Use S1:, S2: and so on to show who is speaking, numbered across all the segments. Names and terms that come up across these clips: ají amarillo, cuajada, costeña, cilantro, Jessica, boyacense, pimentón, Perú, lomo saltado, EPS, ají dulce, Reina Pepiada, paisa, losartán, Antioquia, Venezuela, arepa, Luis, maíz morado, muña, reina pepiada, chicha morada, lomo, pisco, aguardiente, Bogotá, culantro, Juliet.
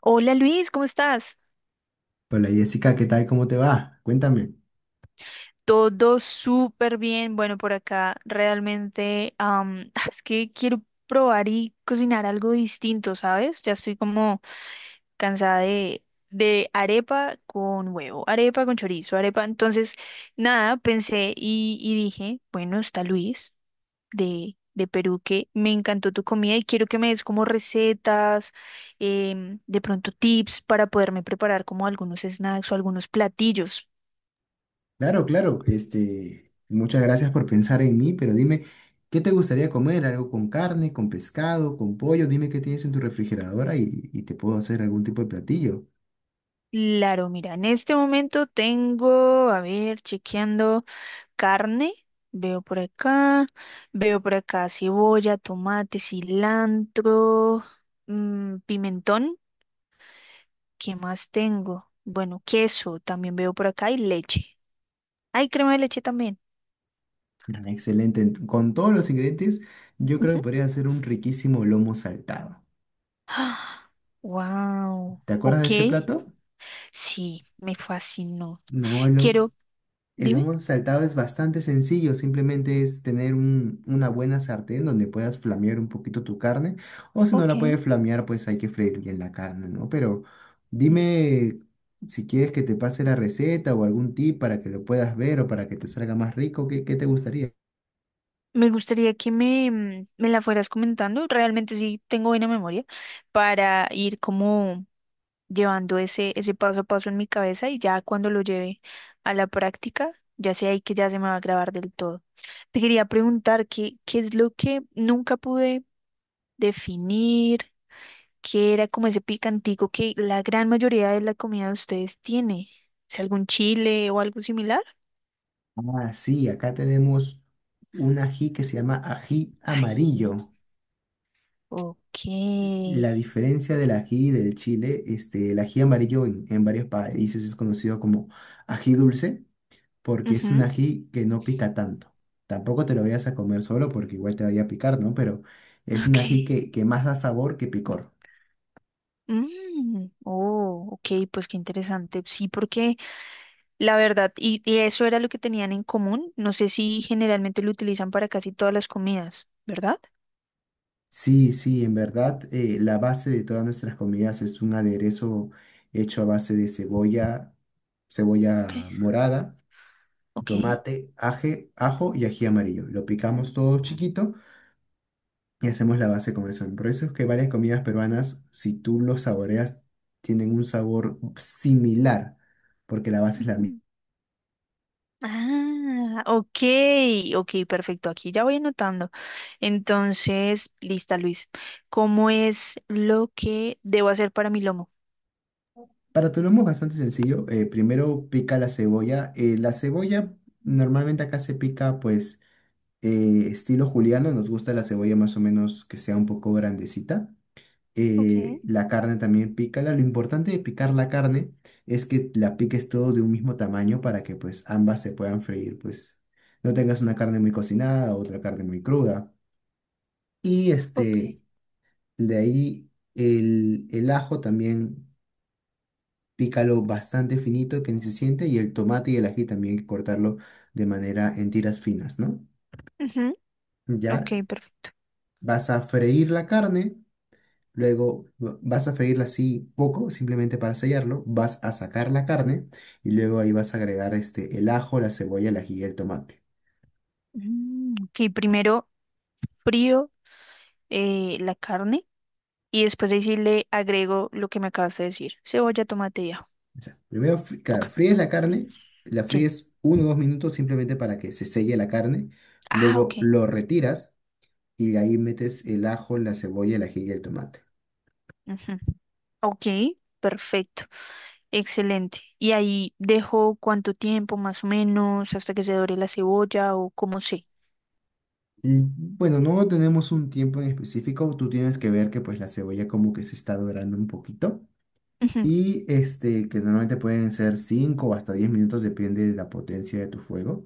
S1: Hola Luis, ¿cómo estás?
S2: Hola Jessica, ¿qué tal? ¿Cómo te va? Cuéntame.
S1: Todo súper bien. Bueno, por acá realmente es que quiero probar y cocinar algo distinto, ¿sabes? Ya estoy como cansada de arepa con huevo, arepa con chorizo, arepa. Entonces, nada, pensé y dije, bueno, está Luis de Perú, que me encantó tu comida, y quiero que me des como recetas, de pronto tips para poderme preparar como algunos snacks o algunos platillos.
S2: Claro, claro. Muchas gracias por pensar en mí, pero dime, ¿qué te gustaría comer? ¿Algo con carne, con pescado, con pollo? Dime qué tienes en tu refrigeradora y te puedo hacer algún tipo de platillo.
S1: Claro, mira, en este momento tengo, a ver, chequeando carne, veo por acá, veo por acá cebolla, tomate, cilantro, mm, pimentón, ¿qué más tengo? Bueno, queso también veo por acá y leche. Hay crema de leche también.
S2: Ah, excelente. Con todos los ingredientes, yo creo
S1: Ujú.
S2: que podría hacer un riquísimo lomo saltado.
S1: Wow,
S2: ¿Te acuerdas de
S1: ok,
S2: ese plato?
S1: sí, me fascinó.
S2: No, el lomo.
S1: Quiero,
S2: El
S1: dime,
S2: lomo saltado es bastante sencillo, simplemente es tener una buena sartén donde puedas flamear un poquito tu carne, o si no
S1: ok.
S2: la puedes flamear, pues hay que freír bien la carne, ¿no? Pero dime si quieres que te pase la receta o algún tip para que lo puedas ver o para que te salga más rico, ¿qué te gustaría?
S1: Me gustaría que me la fueras comentando, realmente sí tengo buena memoria, para ir como llevando ese paso a paso en mi cabeza y ya cuando lo lleve a la práctica, ya sé ahí que ya se me va a grabar del todo. Te quería preguntar qué es lo que nunca pude definir, qué era como ese picantico que la gran mayoría de la comida de ustedes tiene. ¿Es algún chile o algo similar?
S2: Ah, sí, acá tenemos un ají que se llama ají
S1: Sí.
S2: amarillo.
S1: Ok.
S2: La diferencia del ají y del chile, el ají amarillo en varios países es conocido como ají dulce, porque es un
S1: Ujú.
S2: ají que no pica tanto. Tampoco te lo vayas a comer solo porque igual te vaya a picar, ¿no? Pero es un
S1: Ok.
S2: ají que más da sabor que picor.
S1: Mm, oh, ok, pues qué interesante. Sí, porque la verdad, y eso era lo que tenían en común. No sé si generalmente lo utilizan para casi todas las comidas, ¿verdad?
S2: Sí, sí, en verdad, la base de todas nuestras comidas es un aderezo hecho a base de cebolla,
S1: Okay.
S2: cebolla morada,
S1: Ok.
S2: tomate, ajo y ají amarillo. Lo picamos todo chiquito y hacemos la base con eso. Por eso es que varias comidas peruanas, si tú lo saboreas, tienen un sabor similar, porque la base es la.
S1: Ujú. Ah, ok, ok, perfecto. Aquí ya voy anotando. Entonces, lista, Luis. ¿Cómo es lo que debo hacer para mi lomo?
S2: Para tu lomo es bastante sencillo. Primero pica la cebolla. La cebolla normalmente acá se pica pues estilo juliano. Nos gusta la cebolla más o menos que sea un poco grandecita.
S1: Ok,
S2: La carne también pícala. Lo importante de picar la carne es que la piques todo de un mismo tamaño para que pues ambas se puedan freír. Pues no tengas una carne muy cocinada, otra carne muy cruda. Y
S1: ok.
S2: este, de ahí el ajo también. Pícalo bastante finito que ni se siente, y el tomate y el ají también hay que cortarlo de manera en tiras finas, ¿no?
S1: Ujú, ok,
S2: Ya
S1: perfecto.
S2: vas a freír la carne, luego vas a freírla así poco, simplemente para sellarlo, vas a sacar la carne y luego ahí vas a agregar el ajo, la cebolla, el ají y el tomate.
S1: Mm, ok, primero frío la carne. Y después ahí sí le agrego lo que me acabas de decir. Cebolla, tomate y ajo.
S2: O sea, primero claro,
S1: Ok,
S2: fríes la carne, la
S1: sí.
S2: fríes 1 o 2 minutos simplemente para que se selle la carne,
S1: Ah,
S2: luego
S1: ok.
S2: lo retiras y ahí metes el ajo, la cebolla, el ají y el tomate.
S1: Ujú. Ok, perfecto. Excelente. Y ahí dejo cuánto tiempo más o menos hasta que se dore la cebolla o como sé.
S2: Y bueno, no tenemos un tiempo en específico, tú tienes que ver que pues la cebolla como que se está dorando un poquito
S1: Ujú,
S2: y que normalmente pueden ser 5 o hasta 10 minutos, depende de la potencia de tu fuego.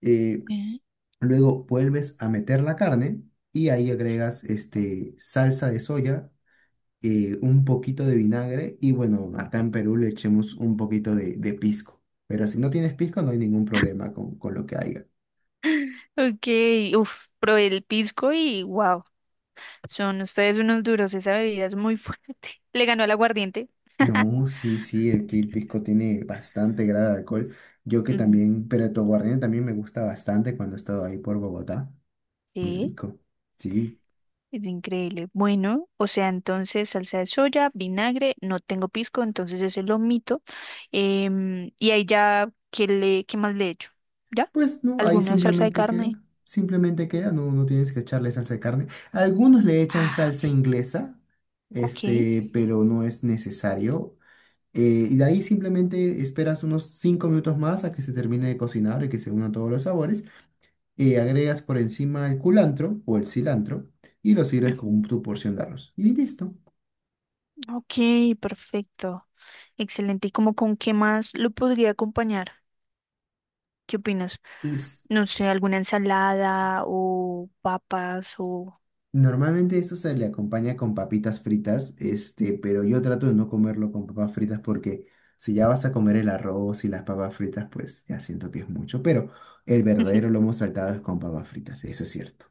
S2: Eh,
S1: ok.
S2: Luego vuelves a meter la carne y ahí agregas salsa de soya, un poquito de vinagre y bueno, acá en Perú le echemos un poquito de pisco, pero si no tienes pisco no hay ningún problema con lo que haya.
S1: Ok, uf, probé el pisco y wow, son ustedes unos duros, esa bebida es muy fuerte. Le ganó al aguardiente.
S2: No, sí, sí, aquí el pisco tiene bastante grado de alcohol. Yo que
S1: Ujú,
S2: también, pero tu aguardiente también me gusta bastante cuando he estado ahí por Bogotá. Muy
S1: sí.
S2: rico. Sí,
S1: Es increíble. Bueno, o sea, entonces salsa de soya, vinagre, no tengo pisco, entonces ese lo omito. Y ahí ya, ¿qué más le echo? ¿Ya?
S2: pues no, ahí
S1: ¿Alguna salsa de
S2: simplemente
S1: carne?
S2: queda. Simplemente queda, no tienes que echarle salsa de carne. Algunos le echan
S1: Ah,
S2: salsa inglesa,
S1: ok.
S2: pero no es necesario. Y de ahí simplemente esperas unos 5 minutos más a que se termine de cocinar y que se unan todos los sabores. Agregas por encima el culantro o el cilantro y lo sirves
S1: Ujú.
S2: con tu porción de arroz. Y listo.
S1: Ok, perfecto. Excelente. ¿Y como con qué más lo podría acompañar? ¿Qué opinas?
S2: Es-
S1: No sé, alguna ensalada o papas o...
S2: Normalmente esto se le acompaña con papitas fritas, pero yo trato de no comerlo con papas fritas porque si ya vas a comer el arroz y las papas fritas, pues ya siento que es mucho, pero el verdadero lomo saltado es con papas fritas, eso es cierto.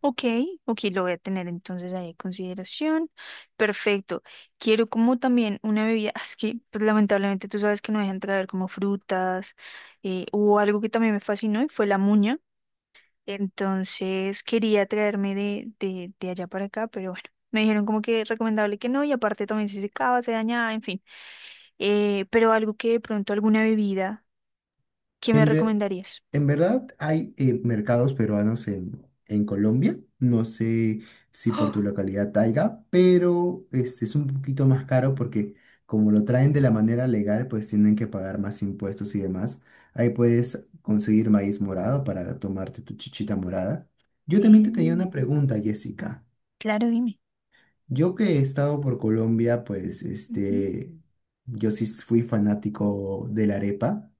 S1: Ok, ok, lo voy a tener entonces ahí en consideración. Perfecto. Quiero como también una bebida, es que pues, lamentablemente tú sabes que no dejan traer como frutas o algo que también me fascinó y fue la muña. Entonces quería traerme de allá para acá, pero bueno, me dijeron como que recomendable que no y aparte también si se secaba, se dañaba, en fin. Pero algo que de pronto, alguna bebida, ¿qué me
S2: En ver,
S1: recomendarías?
S2: en verdad hay mercados peruanos en Colombia. No sé si por
S1: Oh,
S2: tu localidad haya, pero este es un poquito más caro porque como lo traen de la manera legal, pues tienen que pagar más impuestos y demás. Ahí puedes conseguir maíz morado para tomarte tu chichita morada. Yo también te tenía
S1: bien,
S2: una pregunta, Jessica.
S1: claro, dime.
S2: Yo que he estado por Colombia, pues yo sí fui fanático de la arepa.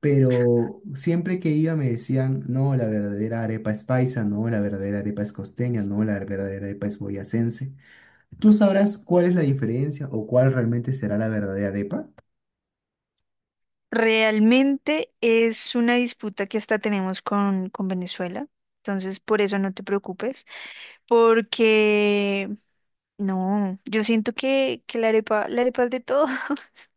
S2: Pero siempre que iba me decían, no, la verdadera arepa es paisa, no, la verdadera arepa es costeña, no, la verdadera arepa es boyacense. ¿Tú sabrás cuál es la diferencia o cuál realmente será la verdadera arepa?
S1: Realmente es una disputa que hasta tenemos con Venezuela, entonces por eso no te preocupes, porque no, yo siento que la arepa es de todos.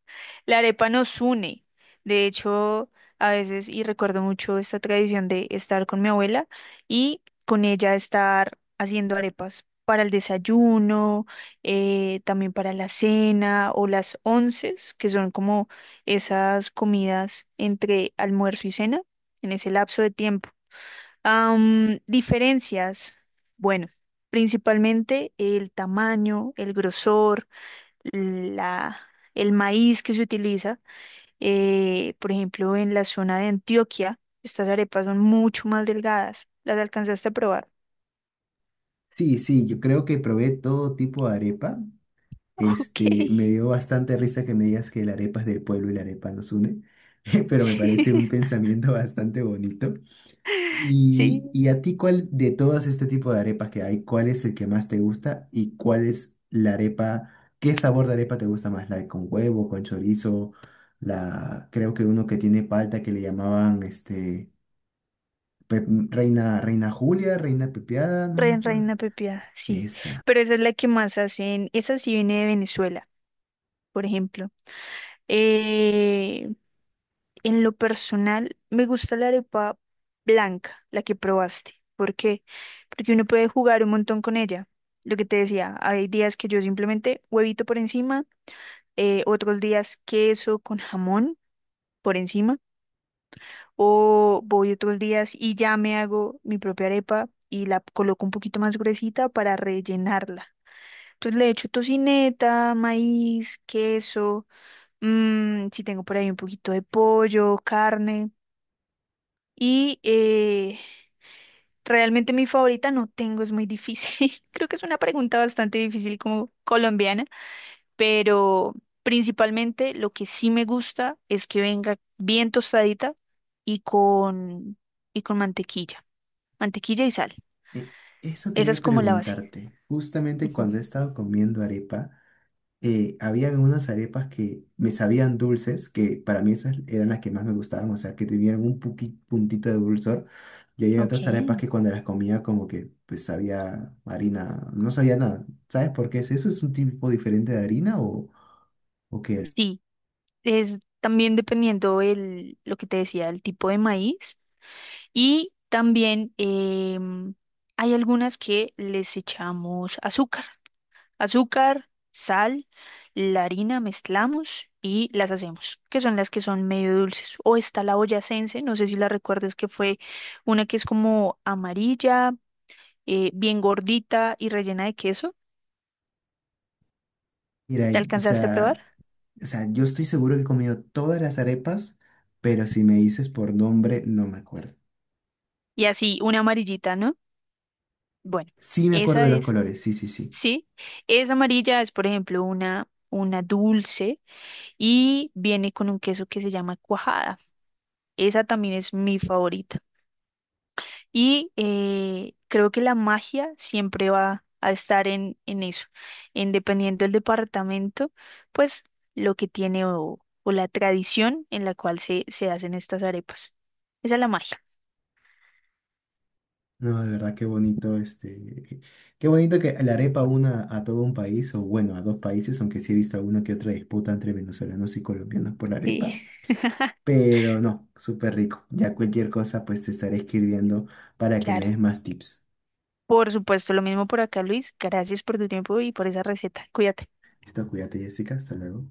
S1: La arepa nos une. De hecho, a veces, y recuerdo mucho esta tradición de estar con mi abuela y con ella estar haciendo arepas para el desayuno, también para la cena o las onces, que son como esas comidas entre almuerzo y cena, en ese lapso de tiempo. Diferencias. Bueno, principalmente el tamaño, el grosor, la, el maíz que se utiliza. Por ejemplo, en la zona de Antioquia, estas arepas son mucho más delgadas. ¿Las alcanzaste a probar?
S2: Sí, sí, yo creo que probé todo tipo de arepa.
S1: Ok,
S2: Me dio bastante risa que me digas que la arepa es del pueblo y la arepa nos une, pero me
S1: sí,
S2: parece un pensamiento bastante bonito.
S1: sí.
S2: Y a ti, ¿cuál de todos este tipo de arepas que hay, cuál es el que más te gusta y cuál es la arepa, qué sabor de arepa te gusta más? ¿La de con huevo, con chorizo? La, creo que uno que tiene palta que le llamaban pe- Reina, Reina Julia, Reina Pepiada, no me
S1: Reina,
S2: acuerdo.
S1: reina pepiada, sí.
S2: Esa.
S1: Pero esa es la que más hacen. Esa sí viene de Venezuela, por ejemplo. Eh, En lo personal, me gusta la arepa blanca, la que probaste. ¿Por qué? Porque uno puede jugar un montón con ella. Lo que te decía, hay días que yo simplemente huevito por encima, otros días queso con jamón por encima, o voy otros días y ya me hago mi propia arepa y la coloco un poquito más gruesita para rellenarla. Entonces le echo tocineta, maíz, queso, mm, si tengo por ahí un poquito de pollo, carne. Y realmente mi favorita no tengo, es muy difícil. Creo que es una pregunta bastante difícil como colombiana, pero principalmente lo que sí me gusta es que venga bien tostadita y con y con mantequilla, mantequilla y sal.
S2: E- Eso
S1: Esa
S2: quería
S1: es como la base.
S2: preguntarte. Justamente
S1: Ujú.
S2: cuando he estado comiendo arepa, habían unas arepas que me sabían dulces, que para mí esas eran las que más me gustaban, o sea, que tuvieran un puntito de dulzor. Y había
S1: Ok.
S2: otras arepas que cuando las comía como que pues sabía harina, no sabía nada. ¿Sabes por qué es eso? ¿Es un tipo diferente de harina o qué?
S1: Sí, es también dependiendo el lo que te decía, el tipo de maíz y también hay algunas que les echamos azúcar. Azúcar, sal, la harina mezclamos y las hacemos, que son las que son medio dulces. O está la boyacense, no sé si la recuerdas, que fue una que es como amarilla, bien gordita y rellena de queso.
S2: Mira,
S1: ¿Te
S2: o
S1: alcanzaste a probar?
S2: sea, o sea, yo estoy seguro que he comido todas las arepas, pero si me dices por nombre, no me acuerdo.
S1: Y así, una amarillita, ¿no? Bueno,
S2: Sí me acuerdo
S1: esa
S2: de los
S1: es,
S2: colores, sí, sí, sí.
S1: sí. Esa amarilla es, por ejemplo, una dulce y viene con un queso que se llama cuajada. Esa también es mi favorita. Y creo que la magia siempre va a estar en eso, en dependiendo del departamento, pues lo que tiene o la tradición en la cual se, se hacen estas arepas. Esa es la magia.
S2: No, de verdad, qué bonito, qué bonito que la arepa una a todo un país, o bueno, a dos países, aunque sí he visto alguna que otra disputa entre venezolanos y colombianos por la
S1: Sí,
S2: arepa, pero no, súper rico. Ya cualquier cosa, pues te estaré escribiendo para que me
S1: claro.
S2: des más tips.
S1: Por supuesto, lo mismo por acá, Luis. Gracias por tu tiempo y por esa receta. Cuídate.
S2: Listo, cuídate, Jessica, hasta luego.